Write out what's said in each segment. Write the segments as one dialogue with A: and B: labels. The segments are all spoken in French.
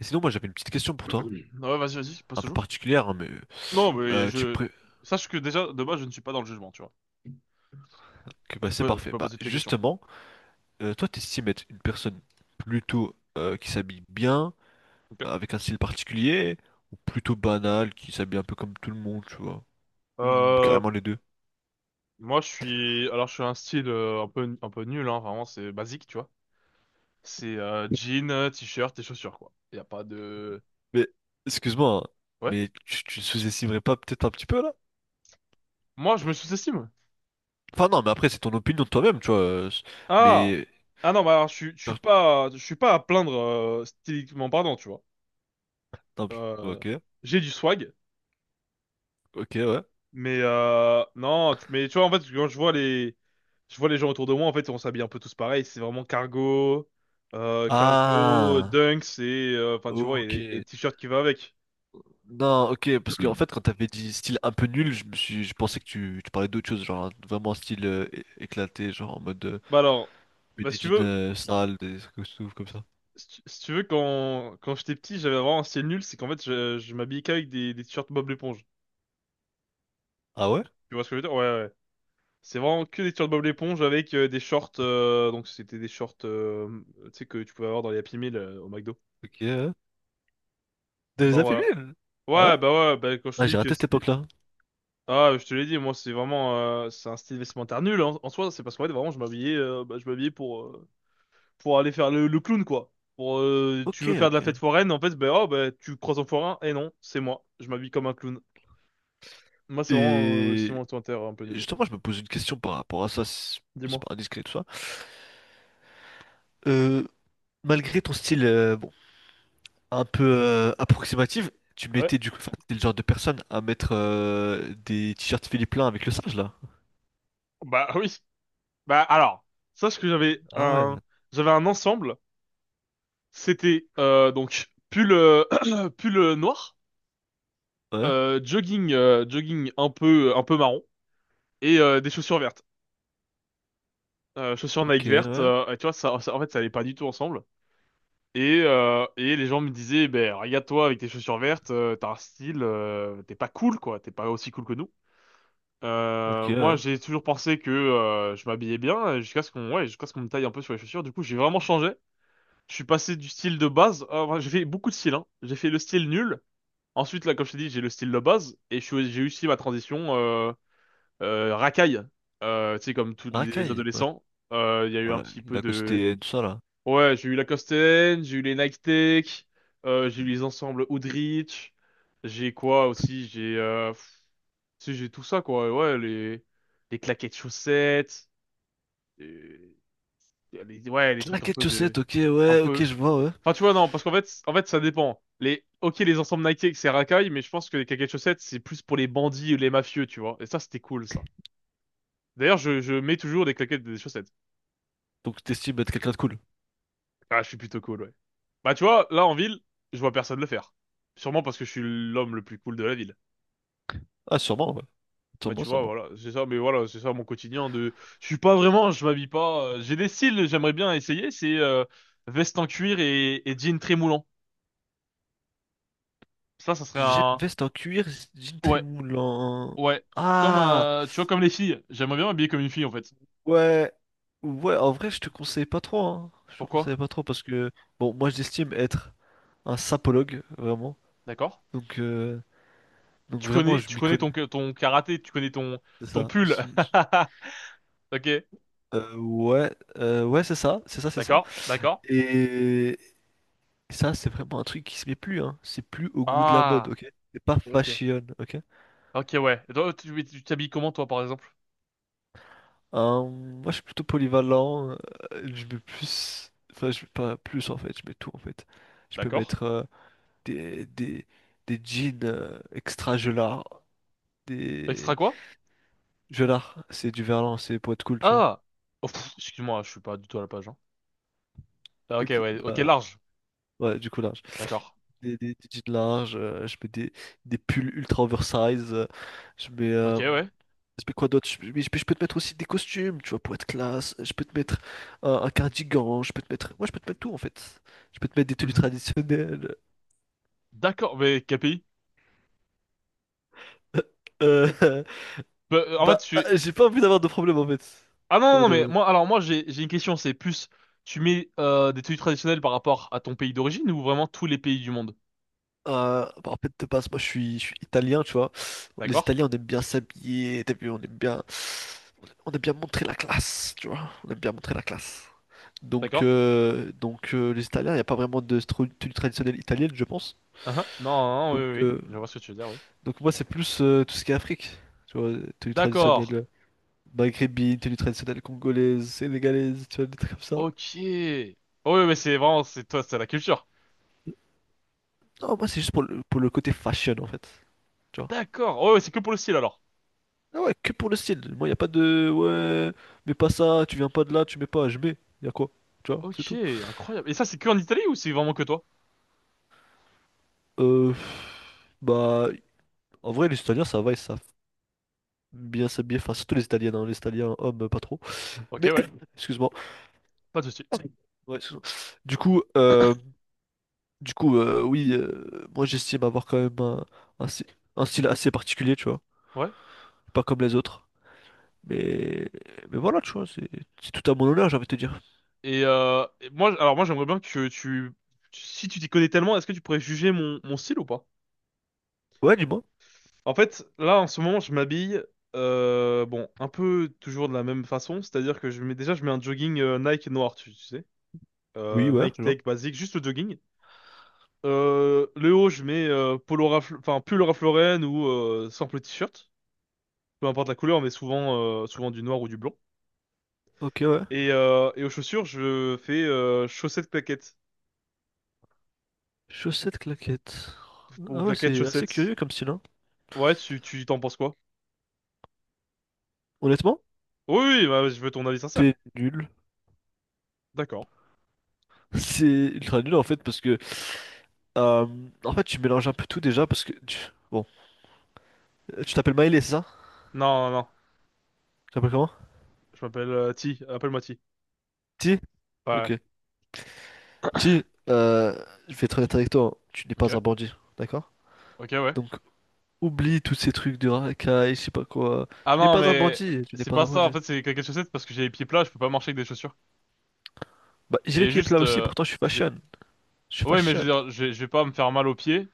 A: Et sinon, moi, j'avais une petite question pour toi,
B: Ouais, vas-y, vas-y, passe
A: un peu
B: toujours.
A: particulière, hein, mais
B: Non, mais
A: tu
B: je...
A: pré...
B: Sache que déjà, de base, je ne suis pas dans le jugement, tu vois.
A: que, bah,
B: Tu
A: c'est
B: peux, tu
A: parfait.
B: peux
A: Bah,
B: poser tes questions.
A: justement, toi, t'estimes être une personne plutôt qui s'habille bien,
B: Ok.
A: avec un style particulier, ou plutôt banale, qui s'habille un peu comme tout le monde, tu vois, ou
B: Euh,
A: carrément les deux.
B: moi, je suis... Alors, je suis un style un peu nul, hein, vraiment, c'est basique, tu vois. C'est jean, t-shirt et chaussures, quoi. Il a pas de...
A: Mais, excuse-moi, hein,
B: Ouais.
A: mais tu sous-estimerais pas peut-être un petit peu là?
B: Moi, je me sous-estime.
A: Enfin, non, mais après, c'est ton opinion de toi-même, tu vois. C'est-
B: Ah!
A: mais,
B: Ah non, bah alors, je suis, je suis
A: genre,
B: pas, je suis pas à plaindre, styliquement parlant, tu vois.
A: non,
B: Euh,
A: ok,
B: j'ai du swag.
A: ok, ouais.
B: Mais non, mais tu vois, en fait, quand je vois je vois les gens autour de moi, en fait, on s'habille un peu tous pareil. C'est vraiment cargo, cargo,
A: Ah,
B: dunks et enfin, tu vois, et
A: ok.
B: t-shirt qui va avec.
A: Non, ok, parce que en fait, quand t'avais dit style un peu nul, je pensais que tu parlais d'autre chose, genre vraiment style éclaté, genre en mode
B: Bah alors,
A: mais
B: bah
A: des
B: si tu
A: jeans
B: veux,
A: sales, des trucs comme ça.
B: si tu veux, quand j'étais petit, j'avais vraiment un style nul, c'est qu'en fait, je m'habillais qu'avec des t-shirts Bob l'éponge.
A: Ah ouais?
B: Tu vois ce que je veux dire? Ouais, ouais. C'est vraiment que des t-shirts Bob l'éponge avec des shorts, donc c'était des shorts, tu sais, que tu pouvais avoir dans les Happy Meal au McDo.
A: Ok. Dans les
B: Enfin voilà.
A: affaiblir? Ah ouais?
B: Ouais, bah quand je te
A: Ah,
B: dis
A: j'ai
B: que
A: raté cette
B: c'est...
A: époque-là.
B: Ah, je te l'ai dit, moi, c'est vraiment, c'est un style vestimentaire nul, hein, en soi. C'est parce qu'en fait, vraiment, je m'habillais, bah, je m'habillais pour aller faire le clown, quoi. Pour, tu
A: Ok,
B: veux faire de la fête
A: ok.
B: foraine, en fait, ben, oh, ben, tu croises un forain, et non, c'est moi. Je m'habille comme un clown. Moi, c'est vraiment, c'est mon
A: Et
B: vestimentaire un peu nul.
A: justement, je me pose une question par rapport à ça, c'est
B: Dis-moi.
A: pas indiscret tout ça. Euh, Malgré ton style bon, un peu approximatif, tu
B: Ouais.
A: mettais du coup, enfin, t'es le genre de personne à mettre des t-shirts Philippe Plein avec le singe là.
B: Bah oui. Bah alors, sache que
A: Ah ouais.
B: j'avais un ensemble. C'était, donc, pull, pull noir,
A: Ouais,
B: jogging, jogging un peu marron, et des chaussures vertes. Chaussures
A: ok,
B: Nike vertes,
A: ouais,
B: et tu vois, ça- en fait, ça allait pas du tout ensemble. Et les gens me disaient, ben, regarde-toi avec tes chaussures vertes, t'as un style, t'es pas cool, quoi, t'es pas aussi cool que nous.
A: ok,
B: Moi,
A: ouais.
B: j'ai toujours pensé que je m'habillais bien, jusqu'à ce qu'on ouais, jusqu'à ce qu'on me taille un peu sur les chaussures. Du coup, j'ai vraiment changé. Je suis passé du style de base, enfin, j'ai fait beaucoup de styles, hein. J'ai fait le style nul. Ensuite, là, comme je t'ai dit, j'ai le style de base, et je suis- j'ai eu aussi ma transition racaille. Tu sais, comme tous les
A: Racaille, ouais.
B: adolescents, il y a eu un
A: Alors, la,
B: petit peu
A: la
B: de
A: Costé, tout ça, là.
B: ouais, j'ai eu la N, j'ai eu les Nike Tech, j'ai eu les ensembles Hoodrich, j'ai quoi aussi, j'ai tu sais, j'ai tout ça quoi, ouais, les claquettes chaussettes, euh, les, ouais, les
A: La
B: trucs un
A: quête
B: peu de
A: chaussette, ok,
B: un
A: ouais, ok,
B: peu
A: je vois, ouais.
B: enfin tu vois non, parce qu'en fait en fait, ça dépend. Les OK, les ensembles Nike Tech, c'est racaille, mais je pense que les claquettes chaussettes c'est plus pour les bandits ou les mafieux, tu vois. Et ça c'était cool, ça. D'ailleurs, je mets toujours des claquettes et des chaussettes.
A: Donc, t'estimes être quelqu'un de cool.
B: Ah, je suis plutôt cool, ouais. Bah, tu vois, là, en ville, je vois personne le faire. Sûrement parce que je suis l'homme le plus cool de la ville.
A: Ah, sûrement, ouais.
B: Bah,
A: Sûrement,
B: tu vois,
A: sûrement.
B: voilà, c'est ça, mais voilà, c'est ça mon quotidien de... Je suis pas vraiment, je m'habille pas... j'ai des styles, j'aimerais bien essayer, c'est veste en cuir et jean très moulant. Ça serait
A: J'ai-
B: un...
A: Veste en cuir, jean très
B: Ouais,
A: moulant.
B: ouais. Comme,
A: Ah,
B: tu vois, comme les filles. J'aimerais bien m'habiller comme une fille, en fait.
A: ouais. Ouais, en vrai, je te conseille pas trop, hein. Je te
B: Pourquoi?
A: conseille pas trop parce que, bon, moi, j'estime être un sapologue, vraiment.
B: D'accord?
A: Donc, euh, donc vraiment, je
B: Tu
A: m'y
B: connais
A: connais.
B: ton, ton karaté, tu connais ton,
A: C'est
B: ton
A: ça. Je
B: pull.
A: suis- je-
B: Ok,
A: Ouais, c'est ça, c'est ça, c'est ça.
B: d'accord, d'accord.
A: Et, Et ça, c'est vraiment un truc qui se met plus, hein. C'est plus au goût de la mode,
B: Ah,
A: ok? C'est pas
B: ok.
A: fashion, ok?
B: Ok, ouais. Et toi, tu t'habilles comment, toi, par exemple?
A: Moi, je suis plutôt polyvalent. Je mets plus... Enfin, je mets pas plus, en fait. Je mets tout, en fait. Je peux
B: D'accord?
A: mettre des, des, des jeans extra gelards.
B: Extra
A: Des...
B: quoi?
A: Gelards, c'est du verlan, c'est pour être cool, tu vois.
B: Ah! Oh, pff, excuse-moi, je suis pas du tout à la page, hein. Ah, ok,
A: Ok,
B: ouais. Ok,
A: bah,
B: large.
A: ouais, du coup, large.
B: D'accord.
A: Des jeans larges, je mets des pulls ultra oversize. Je mets...
B: Ok,
A: euh,
B: ouais.
A: Mais quoi d'autre? Mais je peux te mettre aussi des costumes, tu vois, pour être classe. Je peux te mettre un cardigan. Je peux te mettre. Moi, je peux te mettre tout, en fait. Je peux te mettre des tenues
B: Mhm.
A: traditionnelles.
B: D'accord, mais quel pays?
A: Euh,
B: Bah, en
A: Bah,
B: fait, je suis...
A: j'ai pas envie d'avoir de problème, en fait.
B: Ah non,
A: J'ai pas
B: non,
A: envie
B: non, mais
A: d'avoir-
B: moi, alors moi, j'ai une question, c'est plus, tu mets des tenues traditionnelles par rapport à ton pays d'origine ou vraiment tous les pays du monde?
A: Bah, en fait, de base, moi, je suis italien, tu vois. Les
B: D'accord?
A: Italiens, on aime bien s'habiller. T'as vu, on aime bien. On aime bien montrer la classe, tu vois. On aime bien montrer la classe.
B: D'accord?
A: Les Italiens, il n'y a pas vraiment de tenue traditionnelle italienne, je pense.
B: Ah, ah. Non, non, non, oui,
A: Donc,
B: oui, oui.
A: euh,
B: Je vois ce que tu veux dire, oui.
A: Donc moi c'est plus tout ce qui est Afrique, tu vois, tenue
B: D'accord.
A: traditionnelle maghrébine, tenue traditionnelle congolaise, sénégalaise, tu vois, des trucs comme ça.
B: Ok. Oh, oui, mais c'est vraiment, c'est toi, c'est la culture.
A: Non, moi c'est juste pour pour le côté fashion en fait, tu vois.
B: D'accord. Oh, oui, c'est que pour le style, alors.
A: Ah ouais, que pour le style. Moi y a pas de ouais, mets pas ça, tu viens pas de là, tu mets pas, je mets. Y a quoi? Tu vois, c'est
B: Ok,
A: tout.
B: incroyable. Et ça, c'est que en Italie ou c'est vraiment que toi?
A: Euh, bah, En vrai les Italiens ça va, ils savent bien s'habiller, enfin surtout les Italiens, hein, les Italiens hommes pas trop.
B: Ok,
A: Mais
B: ouais,
A: excuse-moi.
B: pas de souci.
A: Ouais, excuse-moi. Du coup, euh, Du coup, oui, moi j'estime avoir quand même un un style assez particulier, tu vois.
B: Ouais.
A: Pas comme les autres. Mais, mais voilà, tu vois, c'est tout à mon honneur, j'ai envie de te dire.
B: Et moi, alors moi, j'aimerais bien que tu- si tu t'y connais tellement, est-ce que tu pourrais juger mon, mon style ou pas?
A: Ouais, dis-moi.
B: En fait, là, en ce moment, je m'habille, bon, un peu toujours de la même façon, c'est-à-dire que je mets déjà, je mets un jogging Nike noir, tu sais,
A: Oui, ouais,
B: Nike
A: genre.
B: Tech basique, juste le jogging. Le haut, je mets polo Ralph- enfin pull Ralph Lauren ou simple t-shirt, peu importe la couleur, mais souvent, souvent du noir ou du blanc.
A: Ok, ouais.
B: Et aux chaussures, je fais chaussettes claquettes.
A: Chaussettes claquettes.
B: Ou
A: Ah ouais,
B: claquettes
A: c'est assez
B: chaussettes.
A: curieux comme style, hein.
B: Ouais, tu t'en penses quoi?
A: Honnêtement,
B: Oui, oui, bah, je veux ton avis sincère.
A: c'est nul.
B: D'accord.
A: C'est ultra nul en fait, parce que. euh, en fait, tu mélanges un peu tout déjà, parce que. Tu- Bon. Tu t'appelles Maïlé, c'est ça?
B: Non, non, non.
A: Tu t'appelles comment?
B: Je m'appelle T. Appelle-moi T.
A: Ti? Ok.
B: Ouais.
A: Ti, je vais être honnête avec toi, hein. Tu n'es
B: Ok,
A: pas un bandit, d'accord?
B: ok, ouais.
A: Donc. Oublie tous ces trucs de racaille, je sais pas quoi.
B: Ah
A: Tu n'es
B: non,
A: pas un
B: mais
A: bandit, tu n'es
B: c'est
A: pas
B: pas
A: un
B: ça. En
A: bandit.
B: fait, c'est claquettes chaussettes parce que j'ai les pieds plats, je peux pas marcher avec des chaussures.
A: Bah, j'ai les
B: Et
A: pieds
B: juste,
A: plats aussi, pourtant je suis
B: j'ai...
A: fashion. Je suis
B: Ouais, mais je
A: fashion.
B: veux dire, je vais pas me faire mal aux pieds.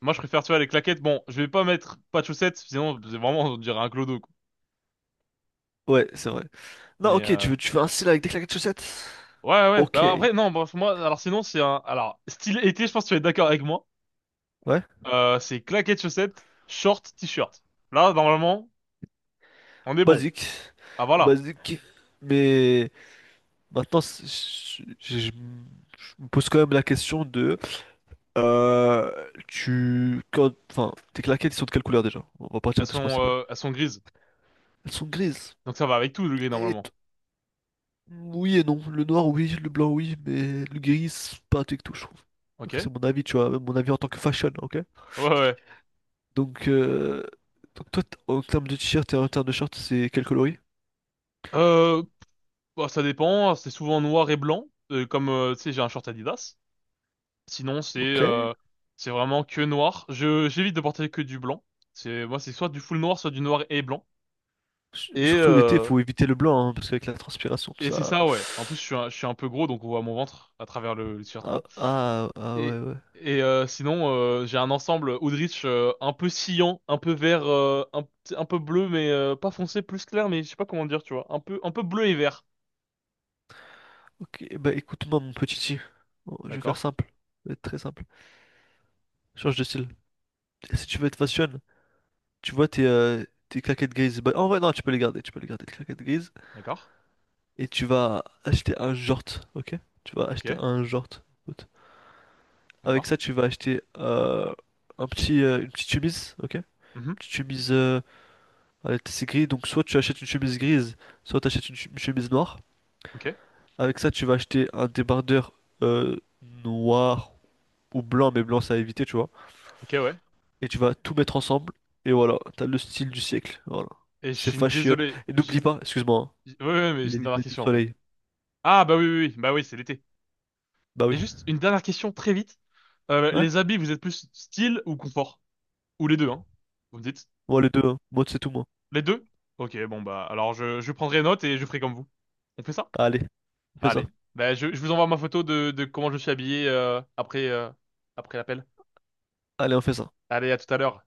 B: Moi, je préfère, tu vois, les claquettes. Bon, je vais pas mettre pas de chaussettes, sinon, c'est vraiment, on dirait un clodo, quoi.
A: Ouais, c'est vrai. Non,
B: Mais...
A: ok, tu veux un style avec des claquettes de chaussettes?
B: ouais, ouais, ouais.
A: Ok.
B: Bah après, non, bref, moi, alors sinon, c'est un... Alors, style été, je pense que tu vas être d'accord avec moi.
A: Ouais,
B: C'est claquettes, chaussettes, shorts t-shirt. Là, normalement, on est bon.
A: basique.
B: Ah, voilà.
A: Basique. Mais maintenant, je me pose quand même la question de... tu... quand- enfin, tes claquettes, ils sont de quelle couleur déjà? On va partir de ce principe-là.
B: Elles sont grises.
A: Elles sont grises.
B: Donc ça va avec tout, le gris,
A: Et
B: normalement.
A: oui et non. Le noir, oui. Le blanc, oui. Mais le gris, c'est pas un tout, je trouve.
B: Ok?
A: Donc
B: Ouais,
A: c'est mon avis, tu vois. Mon avis en tant que fashion, ok?
B: ouais.
A: Donc, euh, donc toi, t- en termes de t-shirt et en termes de short, c'est quel coloris?
B: Euh, bah, ça dépend. C'est souvent noir et blanc. Comme, tu sais, j'ai un short Adidas. Sinon,
A: Ok. S-
B: c'est vraiment que noir. J'évite de porter que du blanc. C'est, moi, c'est soit du full noir, soit du noir et blanc. Et,
A: Surtout l'été, il
B: euh,
A: faut éviter le blanc, hein, parce qu'avec la transpiration, tout
B: Et c'est
A: ça...
B: ça, ouais. En plus, je suis un peu gros, donc on voit mon ventre à travers le t-shirt
A: Ah,
B: blanc.
A: ah, ah,
B: Et,
A: ouais, ouais.
B: et sinon, j'ai un ensemble Oudrich un peu sciant, un peu vert, un, p- un peu bleu, mais pas foncé, plus clair, mais je sais pas comment dire, tu vois. Un peu bleu et vert.
A: Ok, bah écoute-moi, mon petit T. Bon, je vais faire
B: D'accord,
A: simple. Je vais être très simple. Change de style. Si tu veux être fashion, tu vois tes claquettes grises. Bah, en vrai, non, tu peux les garder. Tu peux les garder, tes claquettes grises.
B: d'accord,
A: Et tu vas acheter un short, ok? Tu vas acheter
B: ok,
A: un short, écoute. Avec
B: d'accord.
A: ça, tu vas acheter un petit, une petite chemise, ok? Une
B: Mhm.
A: petite chemise, allez, c'est gris, donc soit tu achètes une chemise grise, soit tu achètes une chemise noire.
B: Ok,
A: Avec ça, tu vas acheter un débardeur noir ou blanc, mais blanc, c'est à éviter, tu vois.
B: ok, ouais.
A: Et tu vas tout mettre ensemble, et voilà, t'as le style du siècle, voilà.
B: Et je
A: C'est
B: suis
A: fashion.
B: désolé,
A: Et n'oublie pas, excuse-moi, hein,
B: j'ai- Ouais, ouais, mais j'ai
A: les
B: une dernière
A: lunettes de
B: question après.
A: soleil.
B: Ah, bah oui, oui, oui, bah oui, c'est l'été.
A: Bah
B: Et
A: oui.
B: juste une dernière question, très vite.
A: Ouais?
B: Les habits, vous êtes plus style ou confort? Ou les deux, hein? Vous me dites?
A: Moi, les deux, hein. Moi, c'est tout, moi.
B: Les deux? Ok, bon bah alors je prendrai note et je ferai comme vous. On fait ça?
A: Allez, on fait ça.
B: Allez. Bah je vous envoie ma photo de comment je suis habillé après, après l'appel.
A: Allez, on fait ça.
B: Allez, à tout à l'heure.